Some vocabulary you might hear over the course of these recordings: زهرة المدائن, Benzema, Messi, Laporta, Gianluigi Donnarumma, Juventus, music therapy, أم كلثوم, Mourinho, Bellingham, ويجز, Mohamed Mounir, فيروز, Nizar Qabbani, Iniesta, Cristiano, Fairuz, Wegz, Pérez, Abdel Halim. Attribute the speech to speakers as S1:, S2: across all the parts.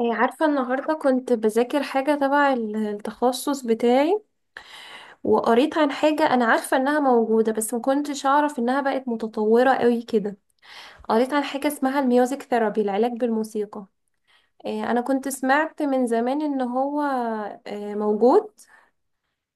S1: إيه، عارفة، النهاردة كنت بذاكر حاجة تبع التخصص بتاعي. وقريت عن حاجة أنا عارفة إنها موجودة، بس ما كنتش أعرف إنها بقت متطورة قوي كده. قريت عن حاجة اسمها الميوزك ثيرابي، العلاج بالموسيقى. إيه، أنا كنت سمعت من زمان إن هو، إيه، موجود.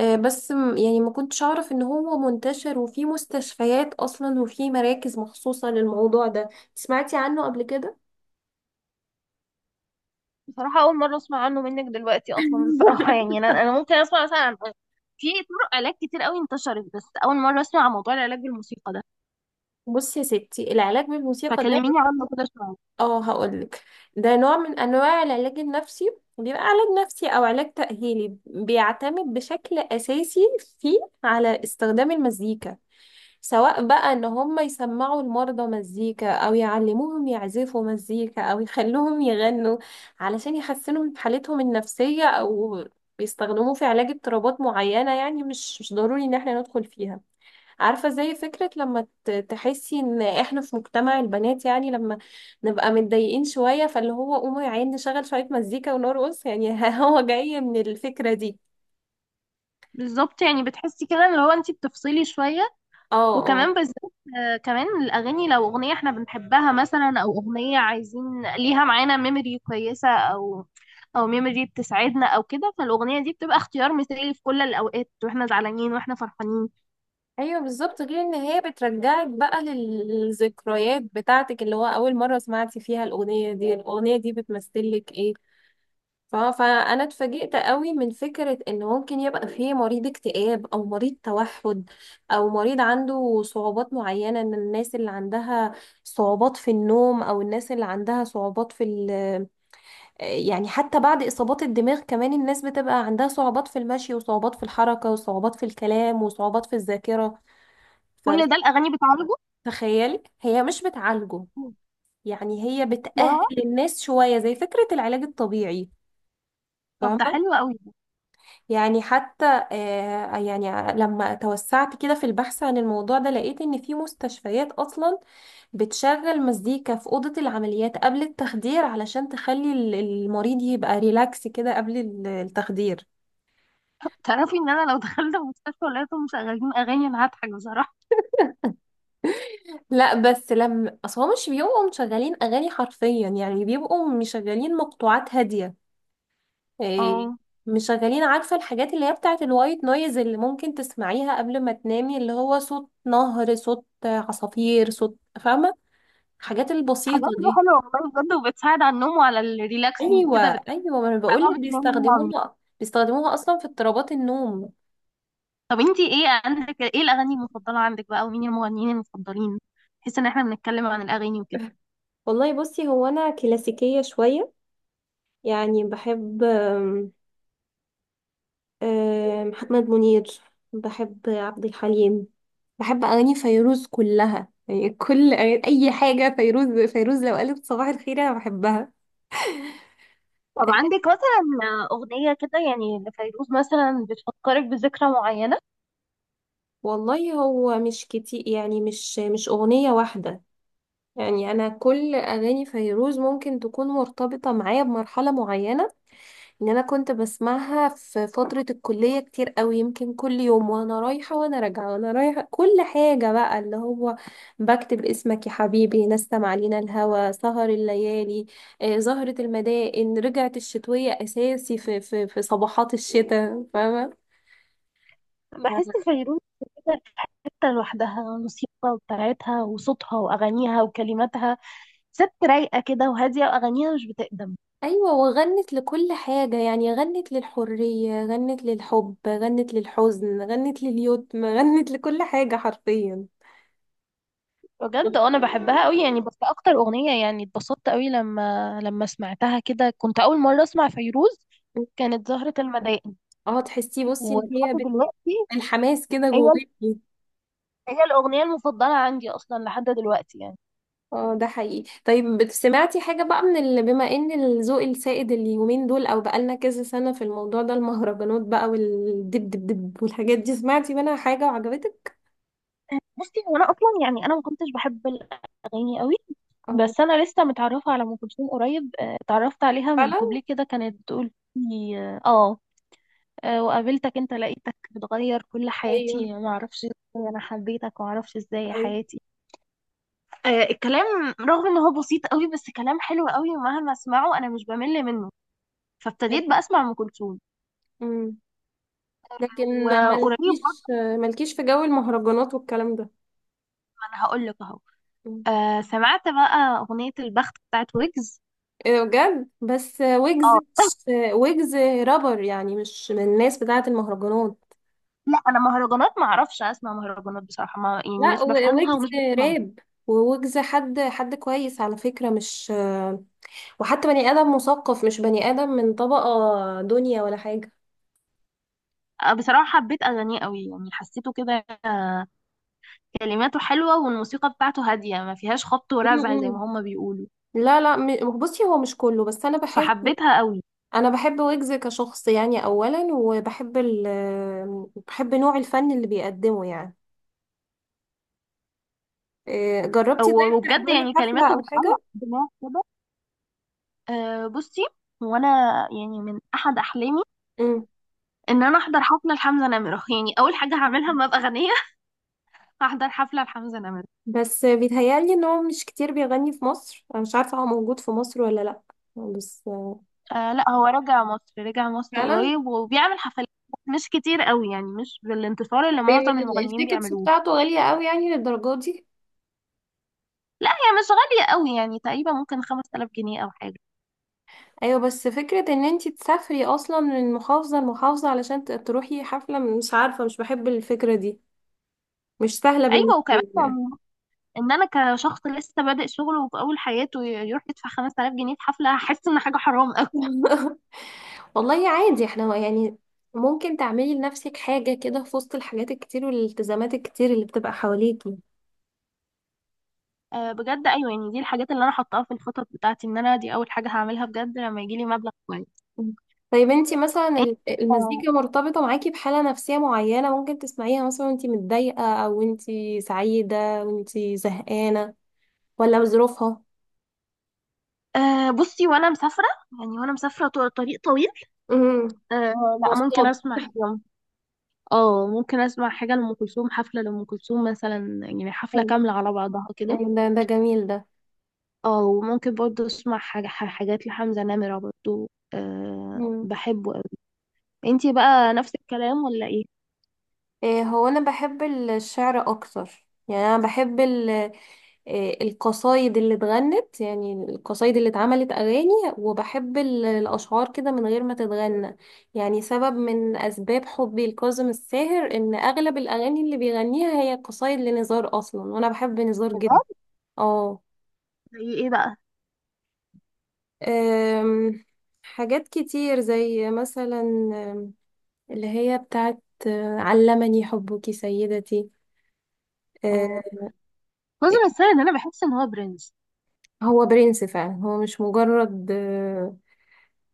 S1: إيه، بس يعني ما كنتش أعرف إن هو منتشر وفي مستشفيات أصلا وفي مراكز مخصوصة للموضوع ده. سمعتي عنه قبل كده؟
S2: بصراحة أول مرة أسمع عنه منك دلوقتي أصلا، بصراحة يعني أنا ممكن أسمع مثلا في طرق علاج كتير قوي انتشرت، بس أول مرة أسمع عن موضوع العلاج بالموسيقى ده،
S1: بصي يا ستي، العلاج بالموسيقى،
S2: فكلميني عنه كده شوية.
S1: اه هقولك. ده نوع من انواع العلاج النفسي، بيبقى علاج نفسي او علاج تأهيلي، بيعتمد بشكل اساسي فيه على استخدام المزيكا، سواء بقى ان هم يسمعوا المرضى مزيكا او يعلموهم يعزفوا مزيكا او يخلوهم يغنوا علشان يحسنوا من حالتهم النفسية، او بيستخدموه في علاج اضطرابات معينة، يعني مش ضروري ان احنا ندخل فيها. عارفة زي فكرة لما تحسي ان احنا في مجتمع البنات، يعني لما نبقى متضايقين شوية، فاللي هو قوموا يا عيني نشغل شوية مزيكا ونرقص يعني. هو جاي من الفكرة دي.
S2: بالظبط، يعني بتحسي كده اللي هو أنت بتفصلي شوية.
S1: اه، اه.
S2: وكمان بالذات كمان الأغاني، لو أغنية إحنا بنحبها مثلا، أو أغنية عايزين ليها معانا ميموري كويسة، أو ميموري بتسعدنا أو كده، فالأغنية دي بتبقى اختيار مثالي في كل الأوقات، وإحنا زعلانين وإحنا فرحانين.
S1: ايوه، بالظبط، غير ان هي بترجعك بقى للذكريات بتاعتك، اللي هو اول مرة سمعتي فيها الاغنية دي، الاغنية دي بتمثلك ايه. فانا اتفاجئت قوي من فكره ان ممكن يبقى فيه مريض اكتئاب او مريض توحد او مريض عنده صعوبات معينه، من الناس اللي عندها صعوبات في النوم، او الناس اللي عندها صعوبات في يعني حتى بعد اصابات الدماغ، كمان الناس بتبقى عندها صعوبات في المشي، وصعوبات في الحركه، وصعوبات في الكلام، وصعوبات في الذاكره.
S2: كل ده الأغاني
S1: فتخيلي، هي مش بتعالجه،
S2: بتعالجه.
S1: يعني هي بتأهل الناس شويه زي فكره العلاج الطبيعي.
S2: طب ده حلو قوي ده.
S1: يعني حتى يعني لما توسعت كده في البحث عن الموضوع ده، لقيت ان في مستشفيات اصلا بتشغل مزيكا في أوضة العمليات قبل التخدير، علشان تخلي المريض يبقى ريلاكس كده قبل التخدير.
S2: تعرفي ان انا لو دخلت المستشفى ولقيتهم مشغلين اغاني انا هضحك بصراحه.
S1: لا بس لما، اصل هو مش بيبقوا مشغلين اغاني حرفيا، يعني بيبقوا مشغلين مقطوعات هادية. إيه،
S2: اه.
S1: مشغلين، عارفة الحاجات اللي هي بتاعت الوايت نويز اللي ممكن تسمعيها قبل ما تنامي، اللي هو صوت نهر، صوت عصافير، صوت، فاهمة، الحاجات البسيطة
S2: حاجات دي
S1: دي.
S2: حلوه والله بجد، وبتساعد على النوم وعلى الريلاكسنج
S1: ايوه،
S2: كده بتحس
S1: ايوه، ما انا بقول
S2: بعدها
S1: لك،
S2: بتنامي نوم عميق.
S1: بيستخدموها اصلا في اضطرابات النوم.
S2: طب انتي ايه عندك، ايه الاغاني المفضله عندك بقى، ومين المغنيين المفضلين؟ بحيث ان احنا بنتكلم عن الاغاني وكده.
S1: والله بصي، هو انا كلاسيكية شوية، يعني بحب آم، آم، محمد منير، بحب عبد الحليم، بحب اغاني فيروز كلها. يعني كل اي حاجة فيروز، فيروز لو قالت صباح الخير انا بحبها.
S2: طب عندك مثلا اغنيه كده يعني لفيروز مثلا بتفكرك بذكرى معينه؟
S1: والله هو مش كتير، يعني مش اغنية واحدة. يعني انا كل اغاني فيروز ممكن تكون مرتبطة معايا بمرحلة معينة، ان انا كنت بسمعها في فترة الكلية كتير قوي، يمكن كل يوم وانا رايحة وانا راجعة وانا رايحة، كل حاجة بقى، اللي هو بكتب اسمك يا حبيبي، نسم علينا الهوى، سهر الليالي، آه، زهرة المدائن، رجعت الشتوية، اساسي في صباحات الشتاء، فاهمة.
S2: بحس فيروز كده في حته لوحدها، الموسيقى بتاعتها وصوتها واغانيها وكلماتها، ست رايقه كده وهاديه، واغانيها مش بتقدم.
S1: ايوه، وغنت لكل حاجة، يعني غنت للحرية، غنت للحب، غنت للحزن، غنت لليتم، غنت لكل حاجة حرفيا.
S2: بجد انا بحبها قوي يعني، بس اكتر اغنيه يعني اتبسطت قوي لما سمعتها كده، كنت اول مره اسمع فيروز، كانت زهره المدائن.
S1: اه، تحسي بصي ان
S2: ولحد
S1: هي
S2: دلوقتي
S1: الحماس كده
S2: هي
S1: جواكي.
S2: هي الاغنيه المفضله عندي اصلا لحد دلوقتي يعني.
S1: اه، ده حقيقي. طيب سمعتي حاجة بقى، من اللي بما ان الذوق السائد اليومين دول او بقالنا كذا سنة في الموضوع ده، المهرجانات بقى والدب دب دب والحاجات دي، سمعتي منها حاجة وعجبتك؟
S2: بصي، هو انا اصلا يعني انا ما كنتش بحب الاغاني قوي،
S1: اه.
S2: بس انا لسه متعرفه على ام كلثوم قريب. اتعرفت عليها من
S1: فعلا.
S2: كوبليه كده كانت بتقول لي، وقابلتك انت لقيتك بتغير كل
S1: ايوه،
S2: حياتي، ما اعرفش ازاي انا حبيتك، وما اعرفش ازاي
S1: ايوه.
S2: حياتي. الكلام رغم ان هو بسيط قوي، بس كلام حلو قوي ومهما اسمعه انا مش بمل منه، فابتديت بقى اسمع ام كلثوم،
S1: امم لكن
S2: وقريب
S1: مالكيش،
S2: برضه.
S1: في جو المهرجانات والكلام ده.
S2: ما انا هقول لك اهو.
S1: مم.
S2: سمعت بقى اغنيه البخت بتاعت ويجز.
S1: ايه ده بجد؟ بس ويجز
S2: اه
S1: ويجز رابر، يعني مش من الناس بتاعة المهرجانات.
S2: لا انا مهرجانات ما اعرفش اسمع مهرجانات بصراحه، ما يعني
S1: لا
S2: مش بفهمها
S1: ويجز
S2: ومش بسمعها.
S1: راب. وويجز حد كويس على فكرة، مش، وحتى بني آدم مثقف، مش بني آدم من طبقة دنيا ولا حاجة.
S2: بصراحه حبيت اغانيه قوي يعني، حسيته كده، كلماته حلوة والموسيقى بتاعته هادية ما فيهاش خبط ورزع زي
S1: م-م.
S2: ما هما بيقولوا،
S1: لا لا، بصي، هو مش كله، بس أنا بحس،
S2: فحبيتها قوي.
S1: أنا بحب ويجز كشخص يعني، أولا، وبحب ال بحب نوع الفن اللي بيقدمه يعني. إيه، جربتي
S2: أو-
S1: طيب
S2: وبجد
S1: تحضري
S2: يعني
S1: حفلة
S2: كلماته
S1: أو
S2: بتعلق
S1: حاجة؟
S2: في الدماغ كده. بصي، وانا يعني من احد احلامي
S1: م.
S2: ان انا احضر حفله لحمزه نمره، يعني اول حاجه هعملها لما ابقى غنيه هحضر حفله لحمزه نمره.
S1: بس بيتهيألي إن هو مش كتير بيغني في مصر، أنا مش عارفة هو موجود في مصر ولا لأ. بس.
S2: لا، هو رجع مصر، رجع مصر
S1: فعلا.
S2: قريب وبيعمل حفلات مش كتير قوي يعني، مش بالانتصار اللي
S1: طيب
S2: معظم المغنيين
S1: التيكتس
S2: بيعملوه.
S1: بتاعته غالية قوي، يعني للدرجة دي؟
S2: لا، هي مش غاليه قوي يعني، تقريبا ممكن 5000 جنيه او حاجه.
S1: ايوه بس فكرة ان انتي تسافري اصلا من محافظة لمحافظة علشان تروحي حفلة، مش عارفة، مش بحب الفكرة دي، مش سهلة
S2: ايوه،
S1: بالنسبة
S2: وكمان
S1: لي يعني.
S2: ان انا كشخص لسه بادئ شغل وفي اول حياته يروح يدفع 5000 جنيه في حفله، هحس ان حاجه حرام قوي.
S1: والله عادي، احنا يعني ممكن تعملي لنفسك حاجة كده في وسط الحاجات الكتير والالتزامات الكتير اللي بتبقى حواليكي.
S2: أه بجد ايوه، يعني دي الحاجات اللي انا حطاها في الخطط بتاعتي، ان انا دي اول حاجه هعملها بجد لما يجي لي مبلغ كويس.
S1: طيب انتي مثلا
S2: إيه؟ أه.
S1: المزيكا مرتبطة معاكي بحالة نفسية معينة؟ ممكن تسمعيها مثلا وانتي متضايقة او انتي سعيدة وانتي زهقانة، ولا بظروفها؟
S2: بصي، وانا مسافره، يعني وانا مسافره طريق طويل.
S1: امم
S2: أه. لا، ممكن
S1: وصلت.
S2: اسمع حاجه. اه، ممكن اسمع حاجه لام كلثوم، حفله لام كلثوم مثلا يعني، حفله
S1: حلو.
S2: كامله على بعضها كده.
S1: أيوة، ده جميل ده.
S2: اه، وممكن برضه اسمع حاجات لحمزه نمره برضه، أه
S1: مم.
S2: بحبه. انتي بقى نفس الكلام ولا ايه؟
S1: إيه، هو انا بحب الشعر اكتر، يعني انا بحب إيه القصايد اللي اتغنت، يعني القصايد اللي اتعملت اغاني، وبحب الاشعار كده من غير ما تتغنى. يعني سبب من اسباب حبي لكاظم الساهر ان اغلب الاغاني اللي بيغنيها هي قصايد لنزار اصلا، وانا بحب نزار جدا.
S2: بجد
S1: اه.
S2: زي ايه بقى؟
S1: أم، حاجات كتير زي مثلا اللي هي بتاعت علمني حبك سيدتي. آه،
S2: اه، ناظر السيد، انا بحس ان هو برنس.
S1: هو برنس فعلا، هو مش مجرد آه،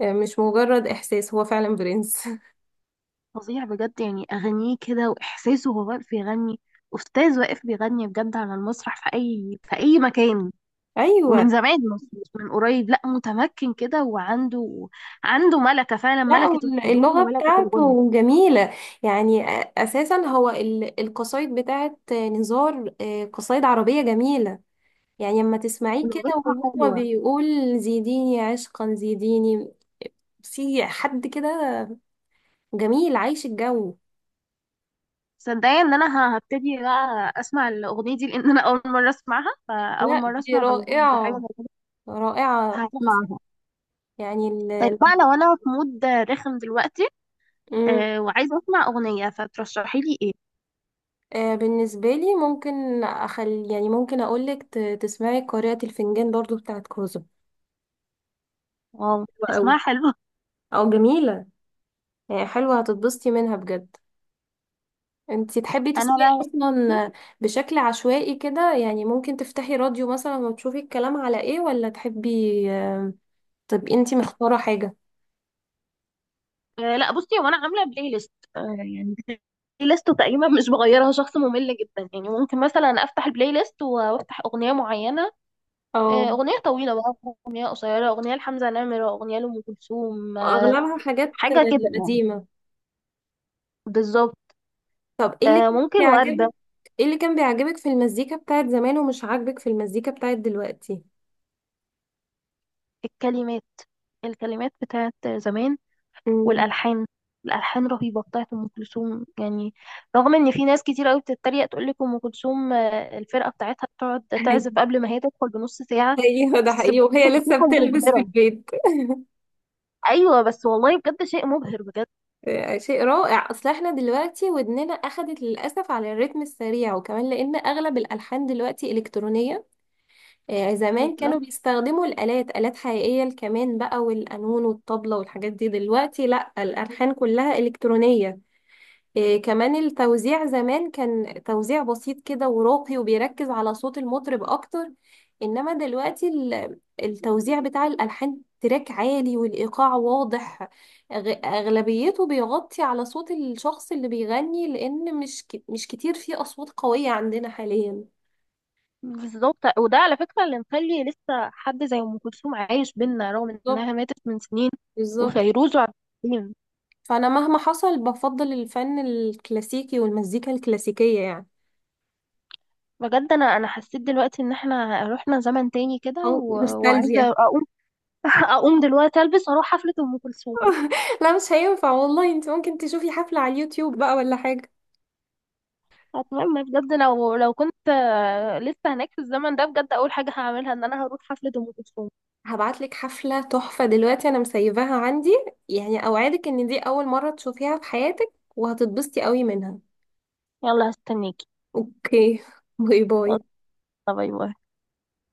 S1: آه، مش مجرد إحساس، هو فعلا برنس.
S2: فظيع بجد يعني، اغانيه كده واحساسه وهو واقف بيغني، استاذ واقف بيغني بجد على المسرح، في اي مكان.
S1: أيوة.
S2: ومن زمان، مش من قريب، لا، متمكن كده، وعنده ملكة، فعلا
S1: لا
S2: ملكة الحضور
S1: اللغة
S2: وملكة الغنى.
S1: بتاعته جميلة، يعني أساسا هو القصايد بتاعت نزار، قصايد عربية جميلة. يعني لما تسمعيه كده
S2: ولغتها
S1: وهو
S2: حلوة.
S1: بيقول زيديني عشقا زيديني، في حد كده جميل عايش الجو.
S2: صدقني ان انا هبتدي بقى اسمع الاغنية دي، لان انا اول مرة اسمعها، فاول
S1: لا،
S2: مرة
S1: دي
S2: اسمع بوجود حاجة
S1: رائعة،
S2: زي كده.
S1: رائعة تحفة.
S2: هسمعها.
S1: يعني
S2: طيب بقى، لو انا في مود رخم دلوقتي
S1: مم.
S2: وعايزه اسمع اغنيه، فترشحي لي ايه؟
S1: بالنسبة لي، ممكن أخلي، يعني ممكن أقولك تسمعي قارئة الفنجان برضو بتاعت كوزو.
S2: واو،
S1: حلوة أوي،
S2: اسمها حلو.
S1: أو جميلة، يعني حلوة هتتبسطي منها بجد. انتي تحبي
S2: انا
S1: تسمعي
S2: بقى
S1: أصلا بشكل عشوائي كده؟ يعني ممكن تفتحي راديو مثلا وتشوفي الكلام على إيه، ولا تحبي طب انتي مختارة حاجة؟
S2: لا، بصي، هو انا عامله بلاي ليست يعني، بلاي ليست تقريبا مش بغيرها، شخص ممل جدا يعني، ممكن مثلا افتح البلاي ليست وافتح اغنيه معينه،
S1: أو
S2: اغنيه طويله بقى، اغنيه قصيره، اغنيه لحمزه نمره، اغنيه لام كلثوم،
S1: أغلبها حاجات
S2: حاجه كده يعني.
S1: قديمة.
S2: بالظبط.
S1: طب ايه اللي كان
S2: ممكن ورده.
S1: بيعجبك، ايه اللي كان بيعجبك في المزيكا بتاعت زمان ومش عاجبك في المزيكا بتاعت دلوقتي؟
S2: الكلمات، الكلمات بتاعت زمان،
S1: مم.
S2: والالحان. الالحان رهيبه بتاعت ام كلثوم يعني، رغم ان في ناس كتير قوي بتتريق تقول لك ام كلثوم الفرقه بتاعتها بتقعد تعزف قبل ما هي تدخل بنص ساعه.
S1: ايوه ده
S2: بس بجد
S1: حقيقي، وهي لسه
S2: موسيقى
S1: بتلبس في
S2: مبهره.
S1: البيت.
S2: ايوه بس والله بجد شيء مبهر بجد.
S1: شيء رائع، اصل احنا دلوقتي ودننا اخدت للاسف على الريتم السريع، وكمان لان اغلب الالحان دلوقتي الكترونيه. زمان كانوا
S2: بالظبط،
S1: بيستخدموا الالات، الات حقيقيه، الكمان بقى والقانون والطبله والحاجات دي، دلوقتي لا، الالحان كلها الكترونيه. إيه، كمان التوزيع زمان كان توزيع بسيط كده وراقي وبيركز على صوت المطرب اكتر، انما دلوقتي التوزيع بتاع الالحان تراك عالي والايقاع واضح، اغلبيته بيغطي على صوت الشخص اللي بيغني، لان مش كتير فيه اصوات قوية عندنا حاليا.
S2: بالظبط. وده على فكره اللي مخلي لسه حد زي ام كلثوم عايش بينا رغم
S1: بالظبط،
S2: انها ماتت من سنين،
S1: بالظبط.
S2: وفيروز وعبد الحليم.
S1: فانا مهما حصل بفضل الفن الكلاسيكي والمزيكا الكلاسيكية يعني،
S2: بجد انا حسيت دلوقتي ان احنا رحنا زمن تاني كده،
S1: او
S2: و...
S1: نوستالجيا.
S2: وعايزه اقوم اقوم دلوقتي البس واروح حفله ام كلثوم.
S1: لا مش هينفع والله، انت ممكن تشوفي حفلة على اليوتيوب بقى ولا حاجة.
S2: اتمنى بجد، لو كنت لسه هناك في الزمن ده، بجد اول حاجه هعملها ان انا هروح حفله ام كلثوم.
S1: هبعتلك حفلة تحفة دلوقتي، انا مسيباها عندي، يعني اوعدك ان دي اول مرة تشوفيها في حياتك وهتتبسطي قوي منها.
S2: يلا هستنيكي.
S1: اوكي. باي
S2: يلا،
S1: باي.
S2: باي باي.